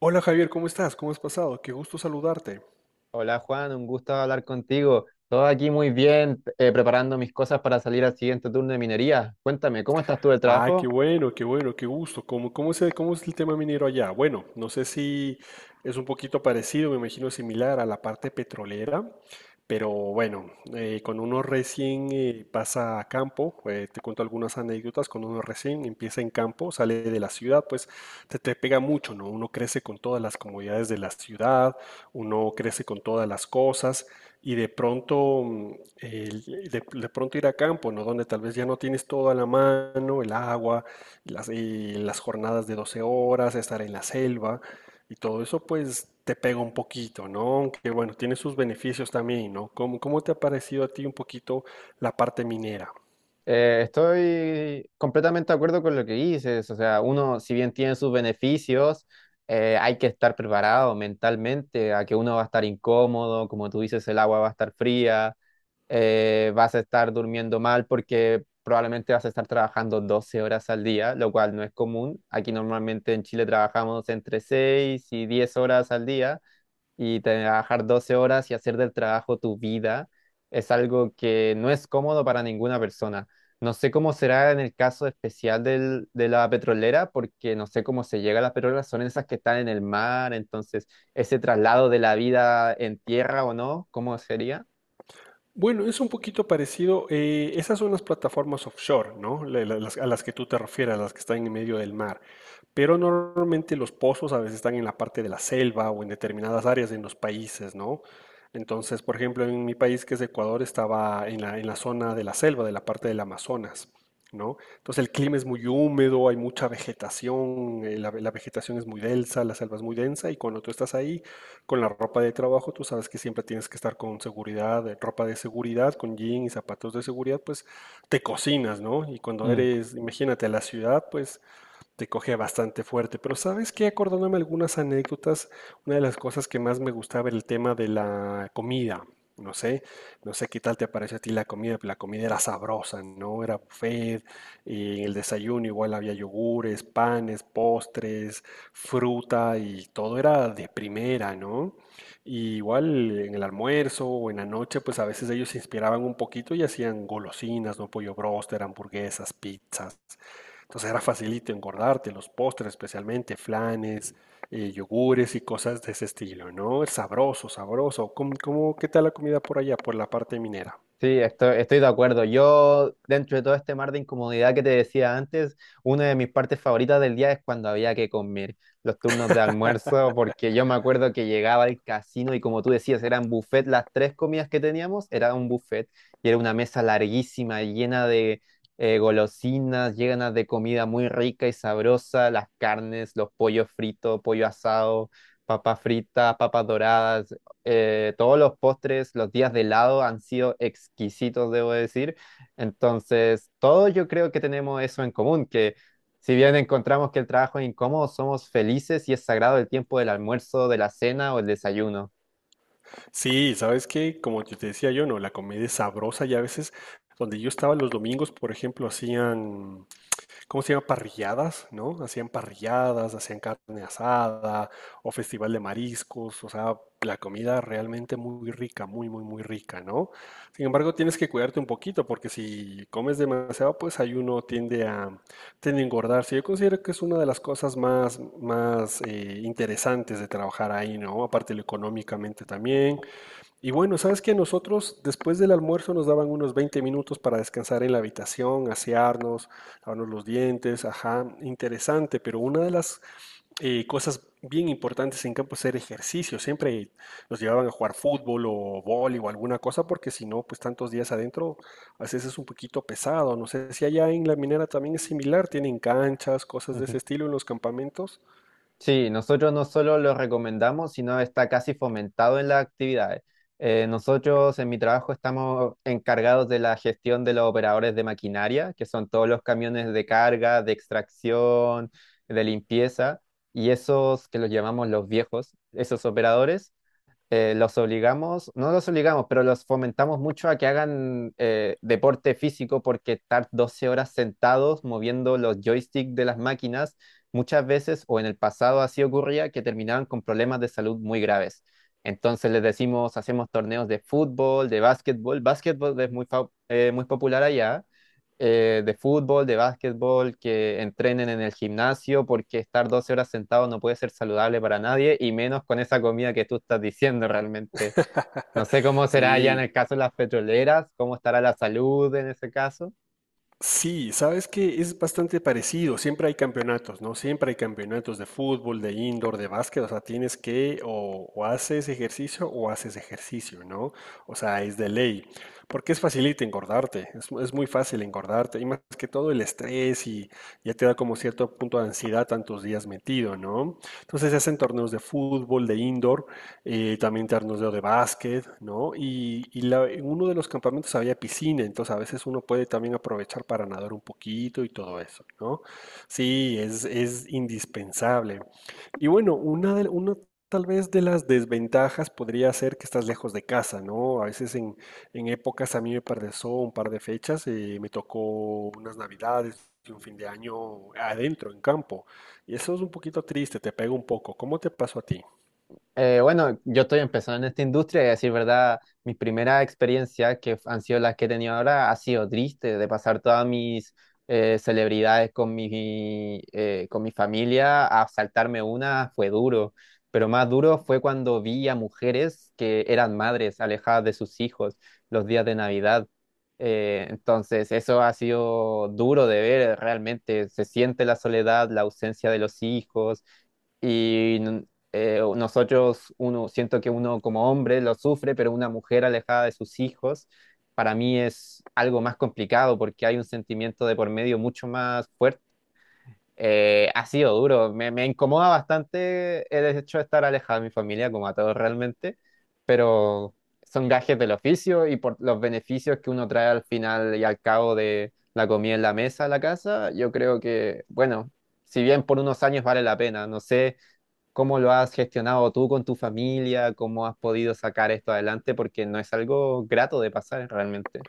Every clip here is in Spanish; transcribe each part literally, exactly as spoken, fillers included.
Hola Javier, ¿cómo estás? ¿Cómo has pasado? Qué gusto saludarte. Hola Juan, un gusto hablar contigo. Todo aquí muy bien, eh, preparando mis cosas para salir al siguiente turno de minería. Cuéntame, ¿cómo estás tú del Ah, qué trabajo? bueno, qué bueno, qué gusto. ¿Cómo, cómo es el, cómo es el tema minero allá? Bueno, no sé si es un poquito parecido, me imagino similar a la parte petrolera, pero bueno, eh, cuando uno recién eh, pasa a campo, eh, te cuento algunas anécdotas, cuando uno recién empieza en campo, sale de la ciudad, pues te, te pega mucho, ¿no? Uno crece con todas las comodidades de la ciudad, uno crece con todas las cosas y de pronto, mm, el- de, de pronto ir a campo, ¿no? Donde tal vez ya no tienes todo a la mano, el agua, las, y las jornadas de doce horas, estar en la selva y todo eso, pues te pega un poquito, ¿no? Aunque bueno, tiene sus beneficios también, ¿no? ¿Cómo, cómo te ha parecido a ti un poquito la parte minera? Eh, estoy completamente de acuerdo con lo que dices. O sea, uno, si bien tiene sus beneficios, eh, hay que estar preparado mentalmente a que uno va a estar incómodo, como tú dices, el agua va a estar fría, eh, vas a estar durmiendo mal porque probablemente vas a estar trabajando doce horas al día, lo cual no es común. Aquí normalmente en Chile trabajamos entre seis y diez horas al día, y trabajar doce horas y hacer del trabajo tu vida es algo que no es cómodo para ninguna persona. No sé cómo será en el caso especial del- de la petrolera, porque no sé cómo se llega a las petroleras, son esas que están en el mar. Entonces ese traslado de la vida en tierra o no, ¿cómo sería? Bueno, es un poquito parecido. eh, esas son las plataformas offshore, ¿no? La- la- las- a las que tú te refieres, las que están en medio del mar. Pero normalmente los pozos a veces están en la parte de la selva o en determinadas áreas en los países, ¿no? Entonces, por ejemplo, en mi país, que es Ecuador, estaba en la, en la zona de la selva, de la parte del Amazonas, ¿no? Entonces el clima es muy húmedo, hay mucha vegetación, eh, la, la vegetación es muy densa, la selva es muy densa y cuando tú estás ahí con la ropa de trabajo, tú sabes que siempre tienes que estar con seguridad, eh, ropa de seguridad, con jean y zapatos de seguridad, pues te cocinas, ¿no? Y cuando eres, imagínate, a la ciudad, pues te coge bastante fuerte. Pero sabes que acordándome algunas anécdotas, una de las cosas que más me gustaba era el tema de la comida. No sé, no sé qué tal te pareció a ti la comida, pero la comida era sabrosa, ¿no? Era buffet, y en el desayuno igual había yogures, panes, postres, fruta y todo era de primera, ¿no? Y igual en el almuerzo o en la noche, pues a veces ellos se inspiraban un poquito y hacían golosinas, ¿no? Pollo bróster, hamburguesas, pizzas. Entonces era facilito engordarte, los postres especialmente, flanes, eh, yogures y cosas de ese estilo, ¿no? Sabroso, sabroso. ¿Cómo, cómo- ¿qué tal la comida por allá, por la parte minera? Sí, estoy, estoy de acuerdo. Yo, dentro de todo este mar de incomodidad que te decía antes, una de mis partes favoritas del día es cuando había que comer los turnos de almuerzo, porque yo me acuerdo que llegaba al casino y como tú decías, eran buffet, las tres comidas que teníamos, era un buffet y era una mesa larguísima, llena de eh, golosinas, llena de comida muy rica y sabrosa, las carnes, los pollos fritos, pollo asado, papas fritas, papas doradas, eh, todos los postres, los días de helado han sido exquisitos, debo decir. Entonces, todos yo creo que tenemos eso en común, que si bien encontramos que el trabajo es incómodo, somos felices y es sagrado el tiempo del almuerzo, de la cena o el desayuno. Sí, ¿sabes que como yo te decía? Yo, no, la comida es sabrosa y a veces donde yo estaba los domingos, por ejemplo, hacían... ¿Cómo se llama? Parrilladas, ¿no? Hacían parrilladas, hacían carne asada o festival de mariscos, o sea, la comida realmente muy rica, muy, muy, muy rica, ¿no? Sin embargo, tienes que cuidarte un poquito porque si comes demasiado, pues ahí uno tiende a, tiende a engordarse. Yo considero que es una de las cosas más, más eh, interesantes de trabajar ahí, ¿no? Aparte lo económicamente también, y bueno, sabes que nosotros después del almuerzo nos daban unos veinte minutos para descansar en la habitación, asearnos, lavarnos los dientes, ajá, interesante, pero una de las eh, cosas bien importantes en campo es hacer ejercicio, siempre nos llevaban a jugar fútbol o vóley o alguna cosa, porque si no, pues tantos días adentro a veces es un poquito pesado, no sé si allá en la minera también es similar, tienen canchas, cosas de ese estilo en los campamentos. Sí, nosotros no solo lo recomendamos, sino está casi fomentado en las actividades. Eh, nosotros en mi trabajo estamos encargados de la gestión de los operadores de maquinaria, que son todos los camiones de carga, de extracción, de limpieza, y esos que los llamamos los viejos, esos operadores, eh, los obligamos, no los obligamos, pero los fomentamos mucho a que hagan eh, deporte físico, porque estar doce horas sentados moviendo los joysticks de las máquinas, muchas veces o en el pasado así ocurría, que terminaban con problemas de salud muy graves. Entonces les decimos, hacemos torneos de fútbol, de básquetbol. Básquetbol es muy, fa- eh, muy popular allá, eh, de fútbol, de básquetbol, que entrenen en el gimnasio, porque estar doce horas sentado no puede ser saludable para nadie, y menos con esa comida que tú estás diciendo realmente. No sé cómo será ya en Sí. el caso de las petroleras, cómo estará la salud en ese caso. Sí, sabes que es bastante parecido. Siempre hay campeonatos, ¿no? Siempre hay campeonatos de fútbol, de indoor, de básquet. O sea, tienes que o, o haces ejercicio o haces ejercicio, ¿no? O sea, es de ley. Porque es facilita engordarte. Es, mu- es muy fácil engordarte. Y más que todo el estrés y ya te da como cierto punto de ansiedad tantos días metido, ¿no? Entonces se hacen torneos de fútbol, de indoor eh, también torneo de básquet, ¿no? Y, y la- en uno de los campamentos había piscina, entonces a veces uno puede también aprovechar para nadar un poquito y todo eso, ¿no? Sí, es, es indispensable. Y bueno, una, de, una tal vez de las desventajas podría ser que estás lejos de casa, ¿no? A veces en, en épocas, a mí me pasó un par de fechas, eh, me tocó unas navidades y un fin de año adentro, en campo. Y eso es un poquito triste, te pega un poco. ¿Cómo te pasó a ti? Eh, bueno, yo estoy empezando en esta industria y a decir verdad, mis primeras experiencias que han sido las que he tenido ahora ha sido triste. De pasar todas mis eh, celebridades con mi, eh, con mi familia a saltarme una fue duro, pero más duro fue cuando vi a mujeres que eran madres alejadas de sus hijos los días de Navidad. Eh, entonces, eso ha sido duro de ver, realmente se siente la soledad, la ausencia de los hijos. Y n- eh, Nosotros, uno, siento que uno como hombre lo sufre, pero una mujer alejada de sus hijos, para mí es algo más complicado porque hay un sentimiento de por medio mucho más fuerte. Eh, ha sido duro, me, me incomoda bastante el hecho de estar alejado de mi familia, como a todos realmente, pero son gajes del oficio, y por los beneficios que uno trae al final y al cabo de la comida en la mesa, a la casa, yo creo que, bueno, si bien por unos años vale la pena, no sé. ¿Cómo lo has gestionado tú con tu familia? ¿Cómo has podido sacar esto adelante? Porque no es algo grato de pasar realmente.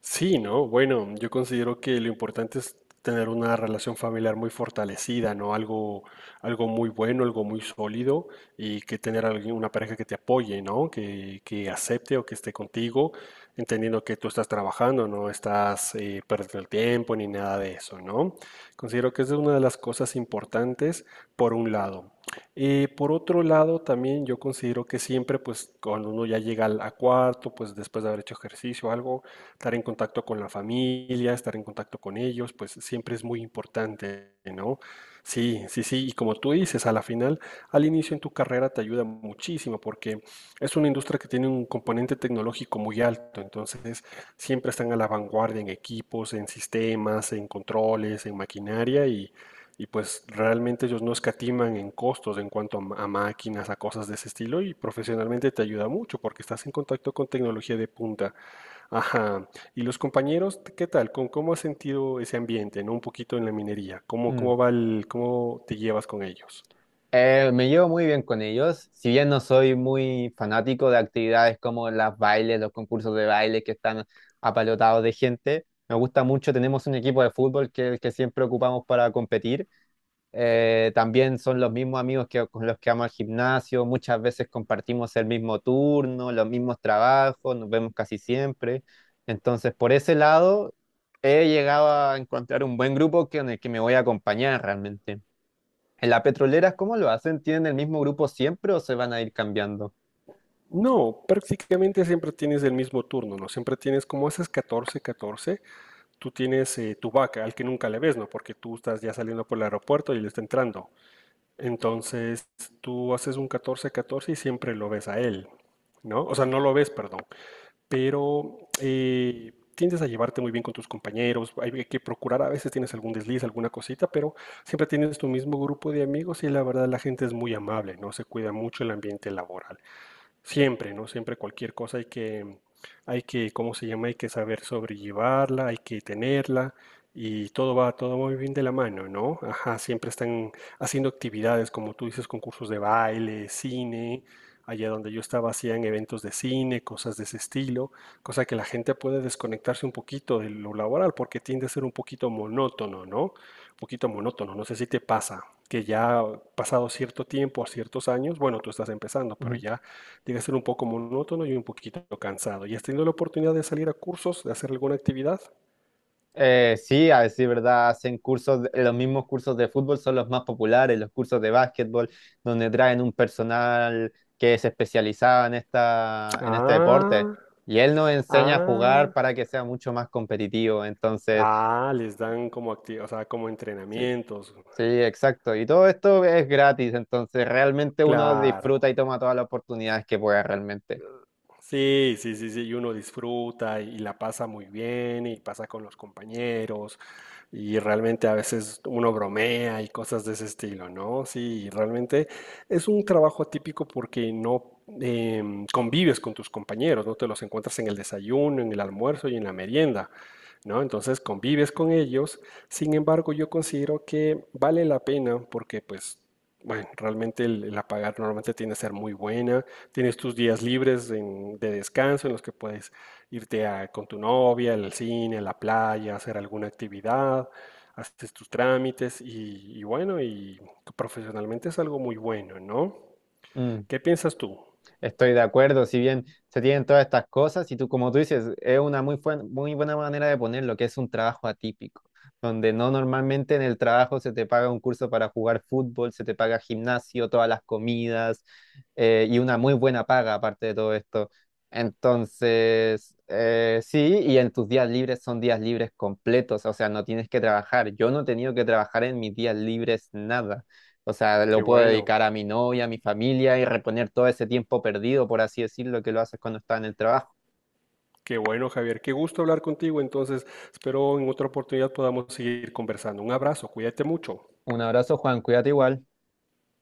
Sí, ¿no? Bueno, yo considero que lo importante es tener una relación familiar muy fortalecida, ¿no? Algo, algo muy bueno, algo muy sólido y que tener alguien, una pareja que te apoye, ¿no? Que, que acepte o que esté contigo, entendiendo que tú estás trabajando, no estás eh, perdiendo el tiempo ni nada de eso, ¿no? Considero que esa es una de las cosas importantes por un lado. Eh, por otro lado, también yo considero que siempre, pues, cuando uno ya llega al a cuarto, pues, después de haber hecho ejercicio o algo, estar en contacto con la familia, estar en contacto con ellos, pues siempre es muy importante, ¿no? Sí, sí, sí, y como tú dices, a la final, al inicio en tu carrera te ayuda muchísimo porque es una industria que tiene un componente tecnológico muy alto, entonces siempre están a la vanguardia en equipos, en sistemas, en controles, en maquinaria y, y pues realmente ellos no escatiman en costos en cuanto a, ma- a máquinas, a cosas de ese estilo y profesionalmente te ayuda mucho porque estás en contacto con tecnología de punta. Ajá. ¿Y los compañeros, t- qué tal? ¿Cómo, cómo has sentido ese ambiente, ¿no? Un poquito en la minería. ¿Cómo, Mm. cómo va el, cómo te llevas con ellos? Eh, me llevo muy bien con ellos, si bien no soy muy fanático de actividades como las bailes, los concursos de baile que están apalotados de gente. Me gusta mucho, tenemos un equipo de fútbol que es el que siempre ocupamos para competir. Eh, también son los mismos amigos que, con los que vamos al gimnasio, muchas veces compartimos el mismo turno, los mismos trabajos, nos vemos casi siempre. Entonces, por ese lado, he llegado a encontrar un buen grupo que, en el que me voy a acompañar realmente. ¿En la petrolera cómo lo hacen? ¿Tienen el mismo grupo siempre o se van a ir cambiando? No, prácticamente siempre tienes el mismo turno, ¿no? Siempre tienes, como haces catorce catorce. Tú tienes eh, tu vaca, al que nunca le ves, ¿no? Porque tú estás ya saliendo por el aeropuerto y él está entrando. Entonces, tú haces un catorce catorce y siempre lo ves a él, ¿no? O sea, no lo ves, perdón. Pero eh, tiendes a llevarte muy bien con tus compañeros, hay que procurar, a veces tienes algún desliz, alguna cosita, pero siempre tienes tu mismo grupo de amigos y la verdad la gente es muy amable, ¿no? Se cuida mucho el ambiente laboral. Siempre, ¿no? Siempre cualquier cosa hay que, hay que, ¿cómo se llama? Hay que saber sobrellevarla, hay que tenerla y todo va, todo muy bien de la mano, ¿no? Ajá, siempre están haciendo actividades, como tú dices, concursos de baile, cine. Allá donde yo estaba hacían eventos de cine, cosas de ese estilo, cosa que la gente puede desconectarse un poquito de lo laboral porque tiende a ser un poquito monótono, ¿no? Un poquito monótono, no sé si te pasa, que ya pasado cierto tiempo, ciertos años, bueno, tú estás empezando, pero ya llega a ser un poco monótono y un poquito cansado. ¿Y has tenido la oportunidad de salir a cursos, de hacer alguna actividad? Eh, sí, a decir verdad, hacen cursos, de- los mismos cursos de fútbol son los más populares, los cursos de básquetbol, donde traen un personal que es especializado en esta, en este deporte, Ah, y él nos enseña a jugar ah, para que sea mucho más competitivo. Entonces, ah, les dan como acti- o sea, como sí, entrenamientos. sí, exacto, y todo esto es gratis, entonces realmente uno Claro. disfruta y toma todas las oportunidades que pueda realmente. Sí, sí, sí, sí, y uno disfruta y la pasa muy bien y pasa con los compañeros y realmente a veces uno bromea y cosas de ese estilo, ¿no? Sí, y realmente es un trabajo atípico porque no em, convives con tus compañeros, no te los encuentras en el desayuno, en el almuerzo y en la merienda, ¿no? Entonces convives con ellos, sin embargo yo considero que vale la pena porque pues... Bueno, realmente el, la paga normalmente tiende a ser muy buena. Tienes tus días libres en- de descanso en los que puedes irte a- con tu novia al cine, a la playa, hacer alguna actividad, haces tus trámites y, y bueno, y profesionalmente es algo muy bueno, ¿no? Mm. ¿Qué piensas tú? Estoy de acuerdo, si bien se tienen todas estas cosas, y tú, como tú dices, es una muy, buen- muy buena manera de ponerlo, que es un trabajo atípico, donde no normalmente en el trabajo se te paga un curso para jugar fútbol, se te paga gimnasio, todas las comidas, eh, y una muy buena paga aparte de todo esto. Entonces, eh, sí, y en tus días libres son días libres completos, o sea, no tienes que trabajar. Yo no he tenido que trabajar en mis días libres nada. O sea, Qué lo puedo bueno, dedicar a mi novia, a mi familia y reponer todo ese tiempo perdido, por así decirlo, que lo haces cuando estás en el trabajo. qué bueno, Javier. Qué gusto hablar contigo. Entonces, espero en otra oportunidad podamos seguir conversando. Un abrazo, cuídate mucho. Un abrazo, Juan, cuídate igual.